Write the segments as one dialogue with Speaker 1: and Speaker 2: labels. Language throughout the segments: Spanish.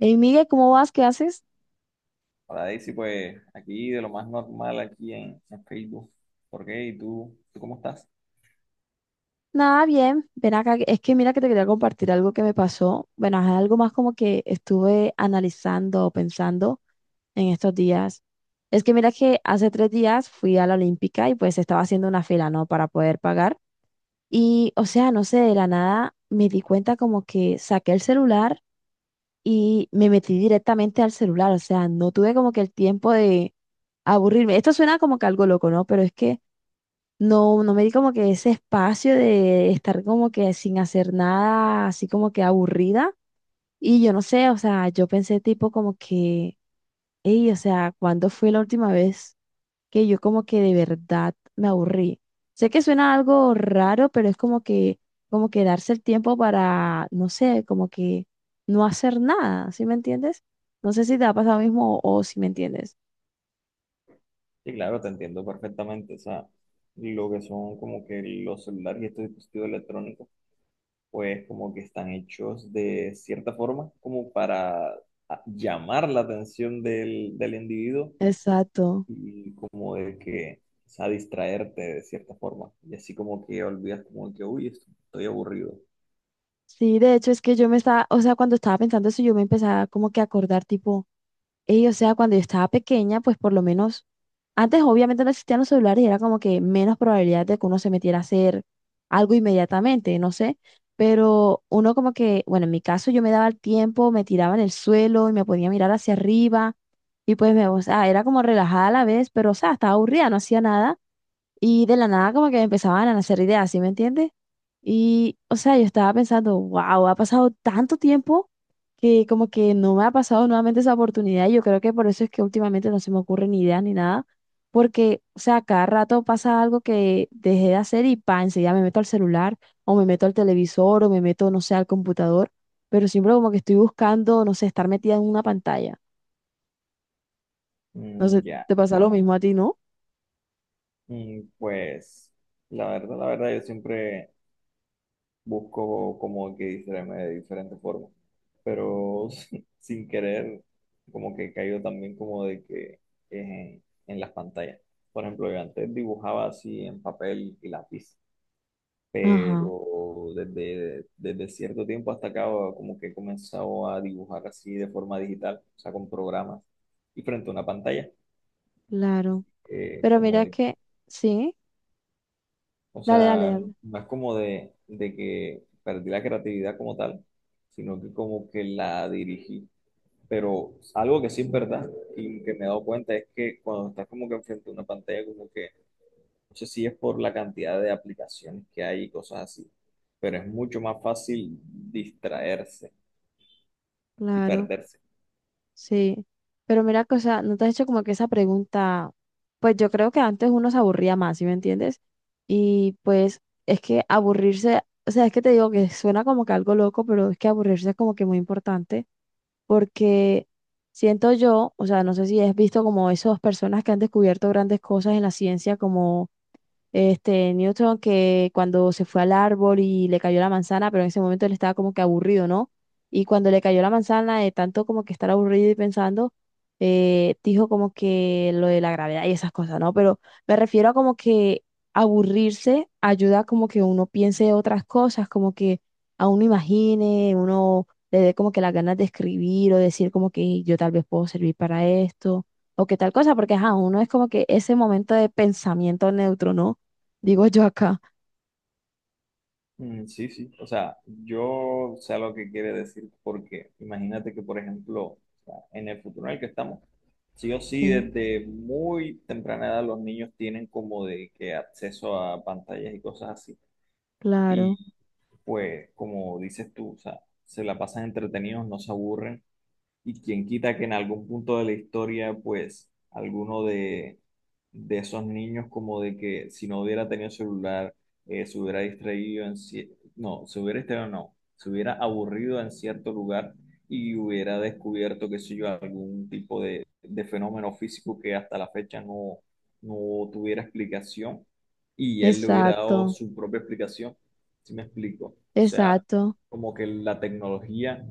Speaker 1: Hey, Miguel, ¿cómo vas? ¿Qué haces?
Speaker 2: Hola Daisy, pues aquí de lo más normal aquí en Facebook. ¿Por qué? ¿Y tú cómo estás?
Speaker 1: Nada, bien. Ven acá. Es que mira que te quería compartir algo que me pasó. Bueno, es algo más como que estuve analizando o pensando en estos días. Es que mira que hace tres días fui a la Olímpica y pues estaba haciendo una fila, ¿no? Para poder pagar. Y, o sea, no sé, de la nada me di cuenta como que saqué el celular y me metí directamente al celular. O sea, no tuve como que el tiempo de aburrirme. Esto suena como que algo loco, ¿no? Pero es que no, no me di como que ese espacio de estar como que sin hacer nada, así como que aburrida. Y yo no sé, o sea, yo pensé tipo como que, hey, o sea, ¿cuándo fue la última vez que yo como que de verdad me aburrí? Sé que suena algo raro, pero es como que darse el tiempo para, no sé, como que no hacer nada, ¿sí me entiendes? No sé si te ha pasado lo mismo o si me entiendes.
Speaker 2: Sí, claro, te entiendo perfectamente. O sea, lo que son como que los celulares y estos dispositivos electrónicos, pues como que están hechos de cierta forma como para llamar la atención del individuo
Speaker 1: Exacto.
Speaker 2: y como de que, o sea, distraerte de cierta forma. Y así como que olvidas como que, uy, estoy aburrido.
Speaker 1: Sí, de hecho es que yo me estaba, o sea, cuando estaba pensando eso, yo me empezaba como que a acordar tipo, ey, o sea, cuando yo estaba pequeña, pues por lo menos, antes obviamente no existían los celulares y era como que menos probabilidad de que uno se metiera a hacer algo inmediatamente, no sé, pero uno como que, bueno, en mi caso yo me daba el tiempo, me tiraba en el suelo y me podía mirar hacia arriba y pues me, o sea, era como relajada a la vez, pero o sea, estaba aburrida, no hacía nada. Y de la nada como que me empezaban a nacer ideas, ¿sí me entiendes? Y, o sea, yo estaba pensando, wow, ha pasado tanto tiempo que como que no me ha pasado nuevamente esa oportunidad. Y yo creo que por eso es que últimamente no se me ocurren ni ideas ni nada. Porque, o sea, cada rato pasa algo que dejé de hacer y pa, enseguida me meto al celular o me meto al televisor o me meto, no sé, al computador. Pero siempre como que estoy buscando, no sé, estar metida en una pantalla. No sé,
Speaker 2: Mm, ya.
Speaker 1: te pasa
Speaker 2: ya.
Speaker 1: lo mismo a ti, ¿no?
Speaker 2: Y pues, la verdad, yo siempre busco como que distraerme de diferentes formas, pero sin querer, como que he caído también como de que es en las pantallas. Por ejemplo, yo antes dibujaba así en papel y lápiz,
Speaker 1: Ajá,
Speaker 2: pero desde cierto tiempo hasta acá como que he comenzado a dibujar así de forma digital, o sea, con programas y frente a una pantalla,
Speaker 1: claro. Pero
Speaker 2: como
Speaker 1: mira
Speaker 2: de
Speaker 1: que, sí.
Speaker 2: O
Speaker 1: Dale, dale,
Speaker 2: sea,
Speaker 1: dale.
Speaker 2: no es como de que perdí la creatividad como tal, sino que como que la dirigí. Pero algo que sí es verdad y que me he dado cuenta es que cuando estás como que enfrente a una pantalla, como que, no sé si es por la cantidad de aplicaciones que hay y cosas así, pero es mucho más fácil distraerse y
Speaker 1: Claro,
Speaker 2: perderse.
Speaker 1: sí. Pero mira que, o sea, no te has hecho como que esa pregunta, pues yo creo que antes uno se aburría más, ¿sí me entiendes? Y pues es que aburrirse, o sea, es que te digo que suena como que algo loco, pero es que aburrirse es como que muy importante. Porque siento yo, o sea, no sé si has visto como esas personas que han descubierto grandes cosas en la ciencia, como este, Newton que cuando se fue al árbol y le cayó la manzana, pero en ese momento él estaba como que aburrido, ¿no? Y cuando le cayó la manzana, de tanto como que estar aburrido y pensando, dijo como que lo de la gravedad y esas cosas, ¿no? Pero me refiero a como que aburrirse ayuda como que uno piense otras cosas, como que a uno imagine, uno le dé como que las ganas de escribir o decir como que yo tal vez puedo servir para esto o que tal cosa, porque ajá, uno es como que ese momento de pensamiento neutro, ¿no? Digo yo acá.
Speaker 2: Mm, sí, sí. O sea, yo sé lo que quiere decir porque imagínate que, por ejemplo, o sea, en el futuro en el que estamos, sí o sí,
Speaker 1: Sí,
Speaker 2: desde muy temprana edad los niños tienen como de que acceso a pantallas y cosas así.
Speaker 1: claro.
Speaker 2: Y pues, como dices tú, o sea, se la pasan entretenidos, no se aburren. Y quien quita que en algún punto de la historia, pues, alguno de esos niños, como de que si no hubiera tenido celular, se hubiera distraído en se hubiera distraído, no, se hubiera aburrido en cierto lugar y hubiera descubierto, qué sé yo, algún tipo de fenómeno físico que hasta la fecha no tuviera explicación y él le hubiera dado
Speaker 1: Exacto,
Speaker 2: su propia explicación, ¿si me explico? O sea,
Speaker 1: exacto.
Speaker 2: como que la tecnología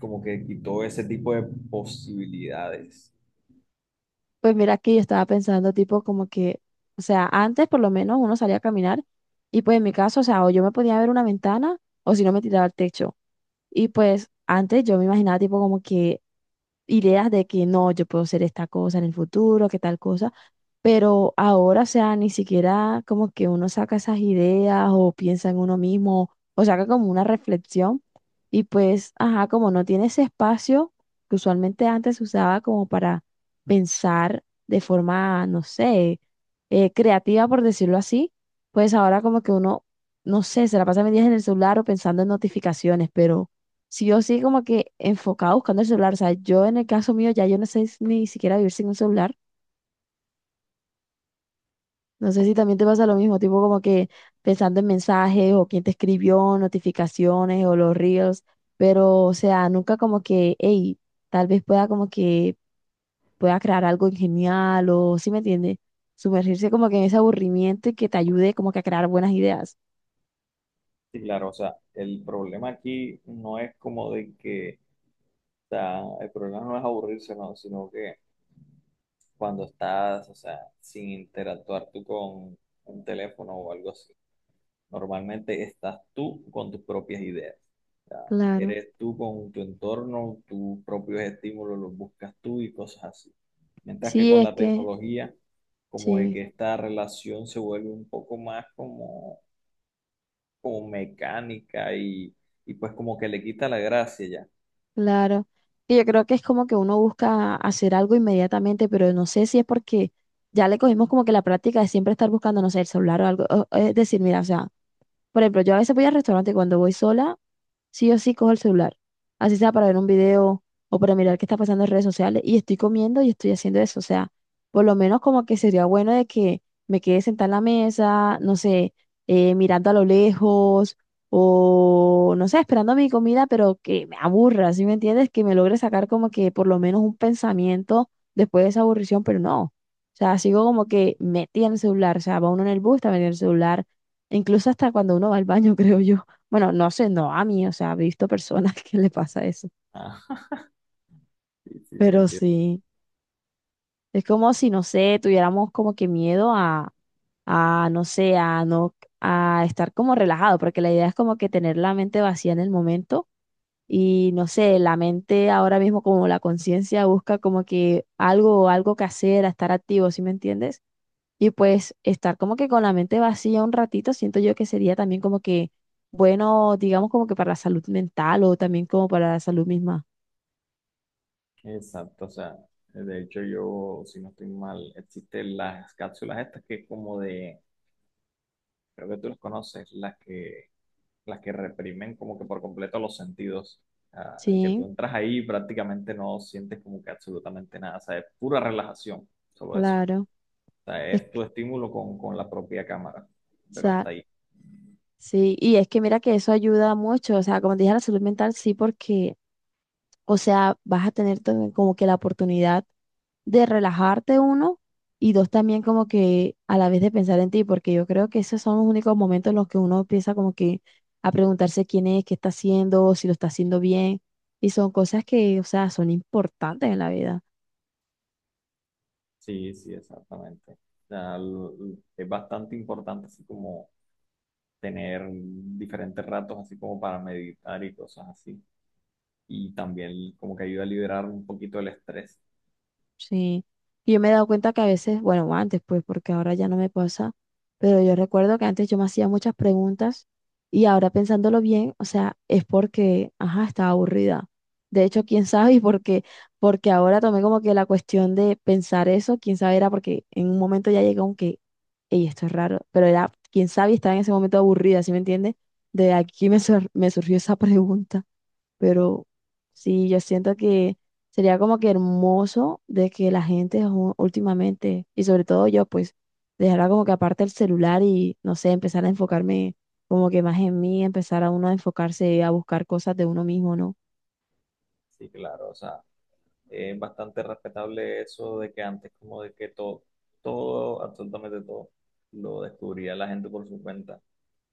Speaker 2: como que quitó ese tipo de posibilidades.
Speaker 1: Pues mira que yo estaba pensando tipo como que, o sea, antes por lo menos uno salía a caminar y pues en mi caso, o sea, o yo me podía ver una ventana o si no me tiraba al techo. Y pues antes yo me imaginaba tipo como que ideas de que no, yo puedo ser esta cosa en el futuro, que tal cosa, pero ahora, o sea, ni siquiera como que uno saca esas ideas o piensa en uno mismo o saca como una reflexión y pues, ajá, como no tiene ese espacio que usualmente antes se usaba como para pensar de forma, no sé, creativa, por decirlo así, pues ahora como que uno, no sé, se la pasa mil días en el celular o pensando en notificaciones, pero si yo sí como que enfocada buscando el celular. O sea, yo en el caso mío ya yo no sé ni siquiera vivir sin un celular. No sé si también te pasa lo mismo, tipo como que pensando en mensajes o quién te escribió, notificaciones o los reels, pero o sea, nunca como que, hey, tal vez pueda como que pueda crear algo genial o, si me entiendes? Sumergirse como que en ese aburrimiento y que te ayude como que a crear buenas ideas.
Speaker 2: Sí, claro, o sea, el problema aquí no es como de que, o sea, el problema no es aburrirse, no, sino que cuando estás, o sea, sin interactuar tú con un teléfono o algo así. Normalmente estás tú con tus propias ideas. O sea,
Speaker 1: Claro.
Speaker 2: eres tú con tu entorno, tus propios estímulos los buscas tú y cosas así. Mientras que
Speaker 1: Sí,
Speaker 2: con
Speaker 1: es
Speaker 2: la
Speaker 1: que,
Speaker 2: tecnología, como de
Speaker 1: sí.
Speaker 2: que esta relación se vuelve un poco más como, como mecánica y pues como que le quita la gracia ya.
Speaker 1: Claro. Y yo creo que es como que uno busca hacer algo inmediatamente, pero no sé si es porque ya le cogimos como que la práctica de siempre estar buscando, no sé, el celular o algo. O es decir, mira, o sea, por ejemplo, yo a veces voy al restaurante y cuando voy sola sí o sí cojo el celular, así sea para ver un video o para mirar qué está pasando en redes sociales, y estoy comiendo y estoy haciendo eso, o sea, por lo menos como que sería bueno de que me quede sentada en la mesa, no sé, mirando a lo lejos o, no sé, esperando mi comida, pero que me aburra, ¿sí me entiendes? Que me logre sacar como que por lo menos un pensamiento después de esa aburrición, pero no, o sea, sigo como que metida en el celular, o sea, va uno en el bus, está metido en el celular, incluso hasta cuando uno va al baño, creo yo. Bueno, no sé, no a mí, o sea, he visto personas que le pasa eso,
Speaker 2: Ah, sí, sí, sí,
Speaker 1: pero
Speaker 2: entiendo.
Speaker 1: sí, es como si, no sé, tuviéramos como que miedo a, no sé, a no, a estar como relajado, porque la idea es como que tener la mente vacía en el momento y, no sé, la mente ahora mismo como la conciencia busca como que algo, algo que hacer, a estar activo, ¿sí me entiendes? Y pues estar como que con la mente vacía un ratito, siento yo que sería también como que, bueno, digamos como que para la salud mental o también como para la salud misma.
Speaker 2: Exacto, o sea, de hecho yo, si no estoy mal, existen las cápsulas estas que es como de, creo que tú las conoces, las que reprimen como que por completo los sentidos. Ah, que tú
Speaker 1: Sí,
Speaker 2: entras ahí y prácticamente no sientes como que absolutamente nada, o sea, es pura relajación, solo eso.
Speaker 1: claro.
Speaker 2: O sea,
Speaker 1: Es
Speaker 2: es tu
Speaker 1: o
Speaker 2: estímulo con la propia cámara, pero
Speaker 1: sea,
Speaker 2: hasta ahí.
Speaker 1: sí, y es que mira que eso ayuda mucho, o sea, como te dije, la salud mental sí, porque, o sea, vas a tener como que la oportunidad de relajarte uno y dos también como que a la vez de pensar en ti, porque yo creo que esos son los únicos momentos en los que uno empieza como que a preguntarse quién es, qué está haciendo, si lo está haciendo bien, y son cosas que, o sea, son importantes en la vida.
Speaker 2: Sí, sí, exactamente. O sea, es bastante importante así como tener diferentes ratos así como para meditar y cosas así. Y también como que ayuda a liberar un poquito el estrés.
Speaker 1: Sí, y yo me he dado cuenta que a veces, bueno, antes pues, porque ahora ya no me pasa, pero yo recuerdo que antes yo me hacía muchas preguntas y ahora pensándolo bien, o sea, es porque, ajá, estaba aburrida. De hecho, quién sabe, y porque, porque ahora tomé como que la cuestión de pensar eso, quién sabe, era porque en un momento ya llegó un que, ey, esto es raro, pero era, quién sabe, y estaba en ese momento aburrida, ¿sí me entiendes? De aquí me, me surgió esa pregunta pero sí, yo siento que sería como que hermoso de que la gente últimamente, y sobre todo yo, pues, dejara como que aparte el celular y, no sé, empezar a enfocarme como que más en mí, empezar a uno a enfocarse a buscar cosas de uno mismo, ¿no?
Speaker 2: Sí, claro, o sea, bastante respetable eso de que antes como de que todo, todo, absolutamente todo, lo descubría la gente por su cuenta,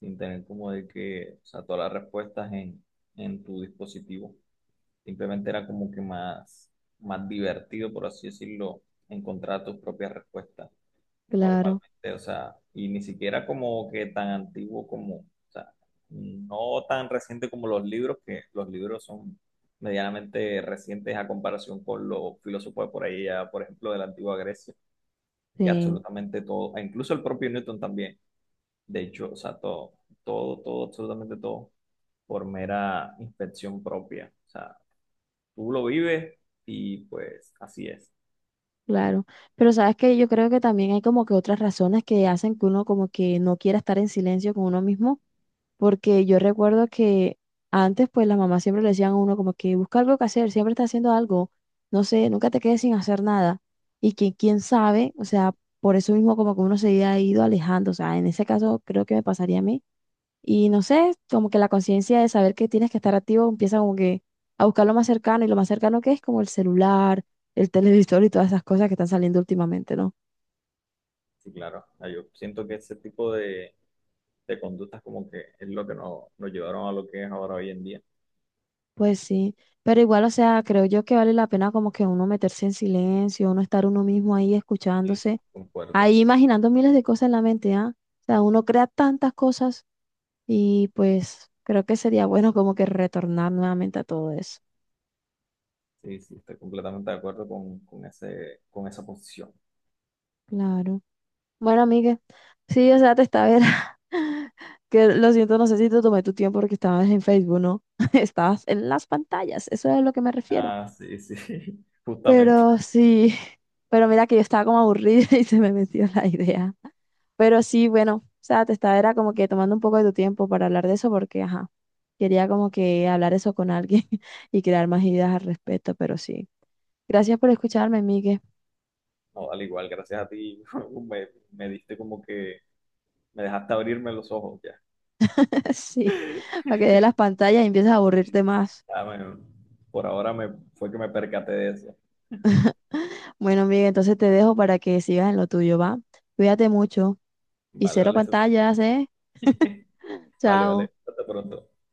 Speaker 2: sin tener como de que, o sea, todas las respuestas en tu dispositivo. Simplemente era como que más divertido, por así decirlo, encontrar tus propias respuestas
Speaker 1: Claro,
Speaker 2: normalmente, o sea, y ni siquiera como que tan antiguo como, o sea, no tan reciente como los libros, que los libros son medianamente recientes a comparación con los filósofos de por ahí, ya, por ejemplo, de la antigua Grecia, y
Speaker 1: sí,
Speaker 2: absolutamente todo, e incluso el propio Newton también, de hecho, o sea, todo, todo, todo, absolutamente todo, por mera inspección propia, o sea, tú lo vives y pues así es.
Speaker 1: claro. Pero sabes que yo creo que también hay como que otras razones que hacen que uno como que no quiera estar en silencio con uno mismo porque yo recuerdo que antes pues las mamás siempre le decían a uno como que busca algo que hacer, siempre está haciendo algo, no sé, nunca te quedes sin hacer nada. Y que quién sabe, o sea, por eso mismo como que uno se ha ido alejando, o sea, en ese caso creo que me pasaría a mí. Y no sé, como que la conciencia de saber que tienes que estar activo empieza como que a buscar lo más cercano y lo más cercano que es como el celular, el televisor y todas esas cosas que están saliendo últimamente, ¿no?
Speaker 2: Sí, claro. Ah, yo siento que ese tipo de conductas como que es lo que nos llevaron a lo que es ahora hoy en día.
Speaker 1: Pues sí, pero igual, o sea, creo yo que vale la pena como que uno meterse en silencio, uno estar uno mismo ahí
Speaker 2: Y sí,
Speaker 1: escuchándose,
Speaker 2: concuerdo.
Speaker 1: ahí imaginando miles de cosas en la mente, ¿ah? O sea, uno crea tantas cosas y pues creo que sería bueno como que retornar nuevamente a todo eso.
Speaker 2: Sí, sí, estoy completamente de acuerdo con ese, con esa posición.
Speaker 1: Claro. Bueno, amiga, sí, o sea, te estaba ver. Que lo siento, no sé si te tomé tu tiempo porque estabas en Facebook, ¿no? Estabas en las pantallas, eso es a lo que me refiero.
Speaker 2: Ah, sí, sí, justamente.
Speaker 1: Pero sí, pero mira que yo estaba como aburrida y se me metió la idea. Pero sí, bueno, o sea, te estaba era como que tomando un poco de tu tiempo para hablar de eso porque, ajá, quería como que hablar eso con alguien y crear más ideas al respecto, pero sí. Gracias por escucharme, Migue.
Speaker 2: No, al igual, gracias a ti, me diste como que me dejaste abrirme los ojos ya.
Speaker 1: Sí, para que de las pantallas y empieces a aburrirte más.
Speaker 2: Ah, bueno, por ahora fue que me percaté de eso.
Speaker 1: Bueno, Migue, entonces te dejo para que sigas en lo tuyo, ¿va? Cuídate mucho y
Speaker 2: Vale,
Speaker 1: cero
Speaker 2: vale, eso está bien.
Speaker 1: pantallas, ¿eh?
Speaker 2: Vale,
Speaker 1: Chao.
Speaker 2: vale, hasta pronto.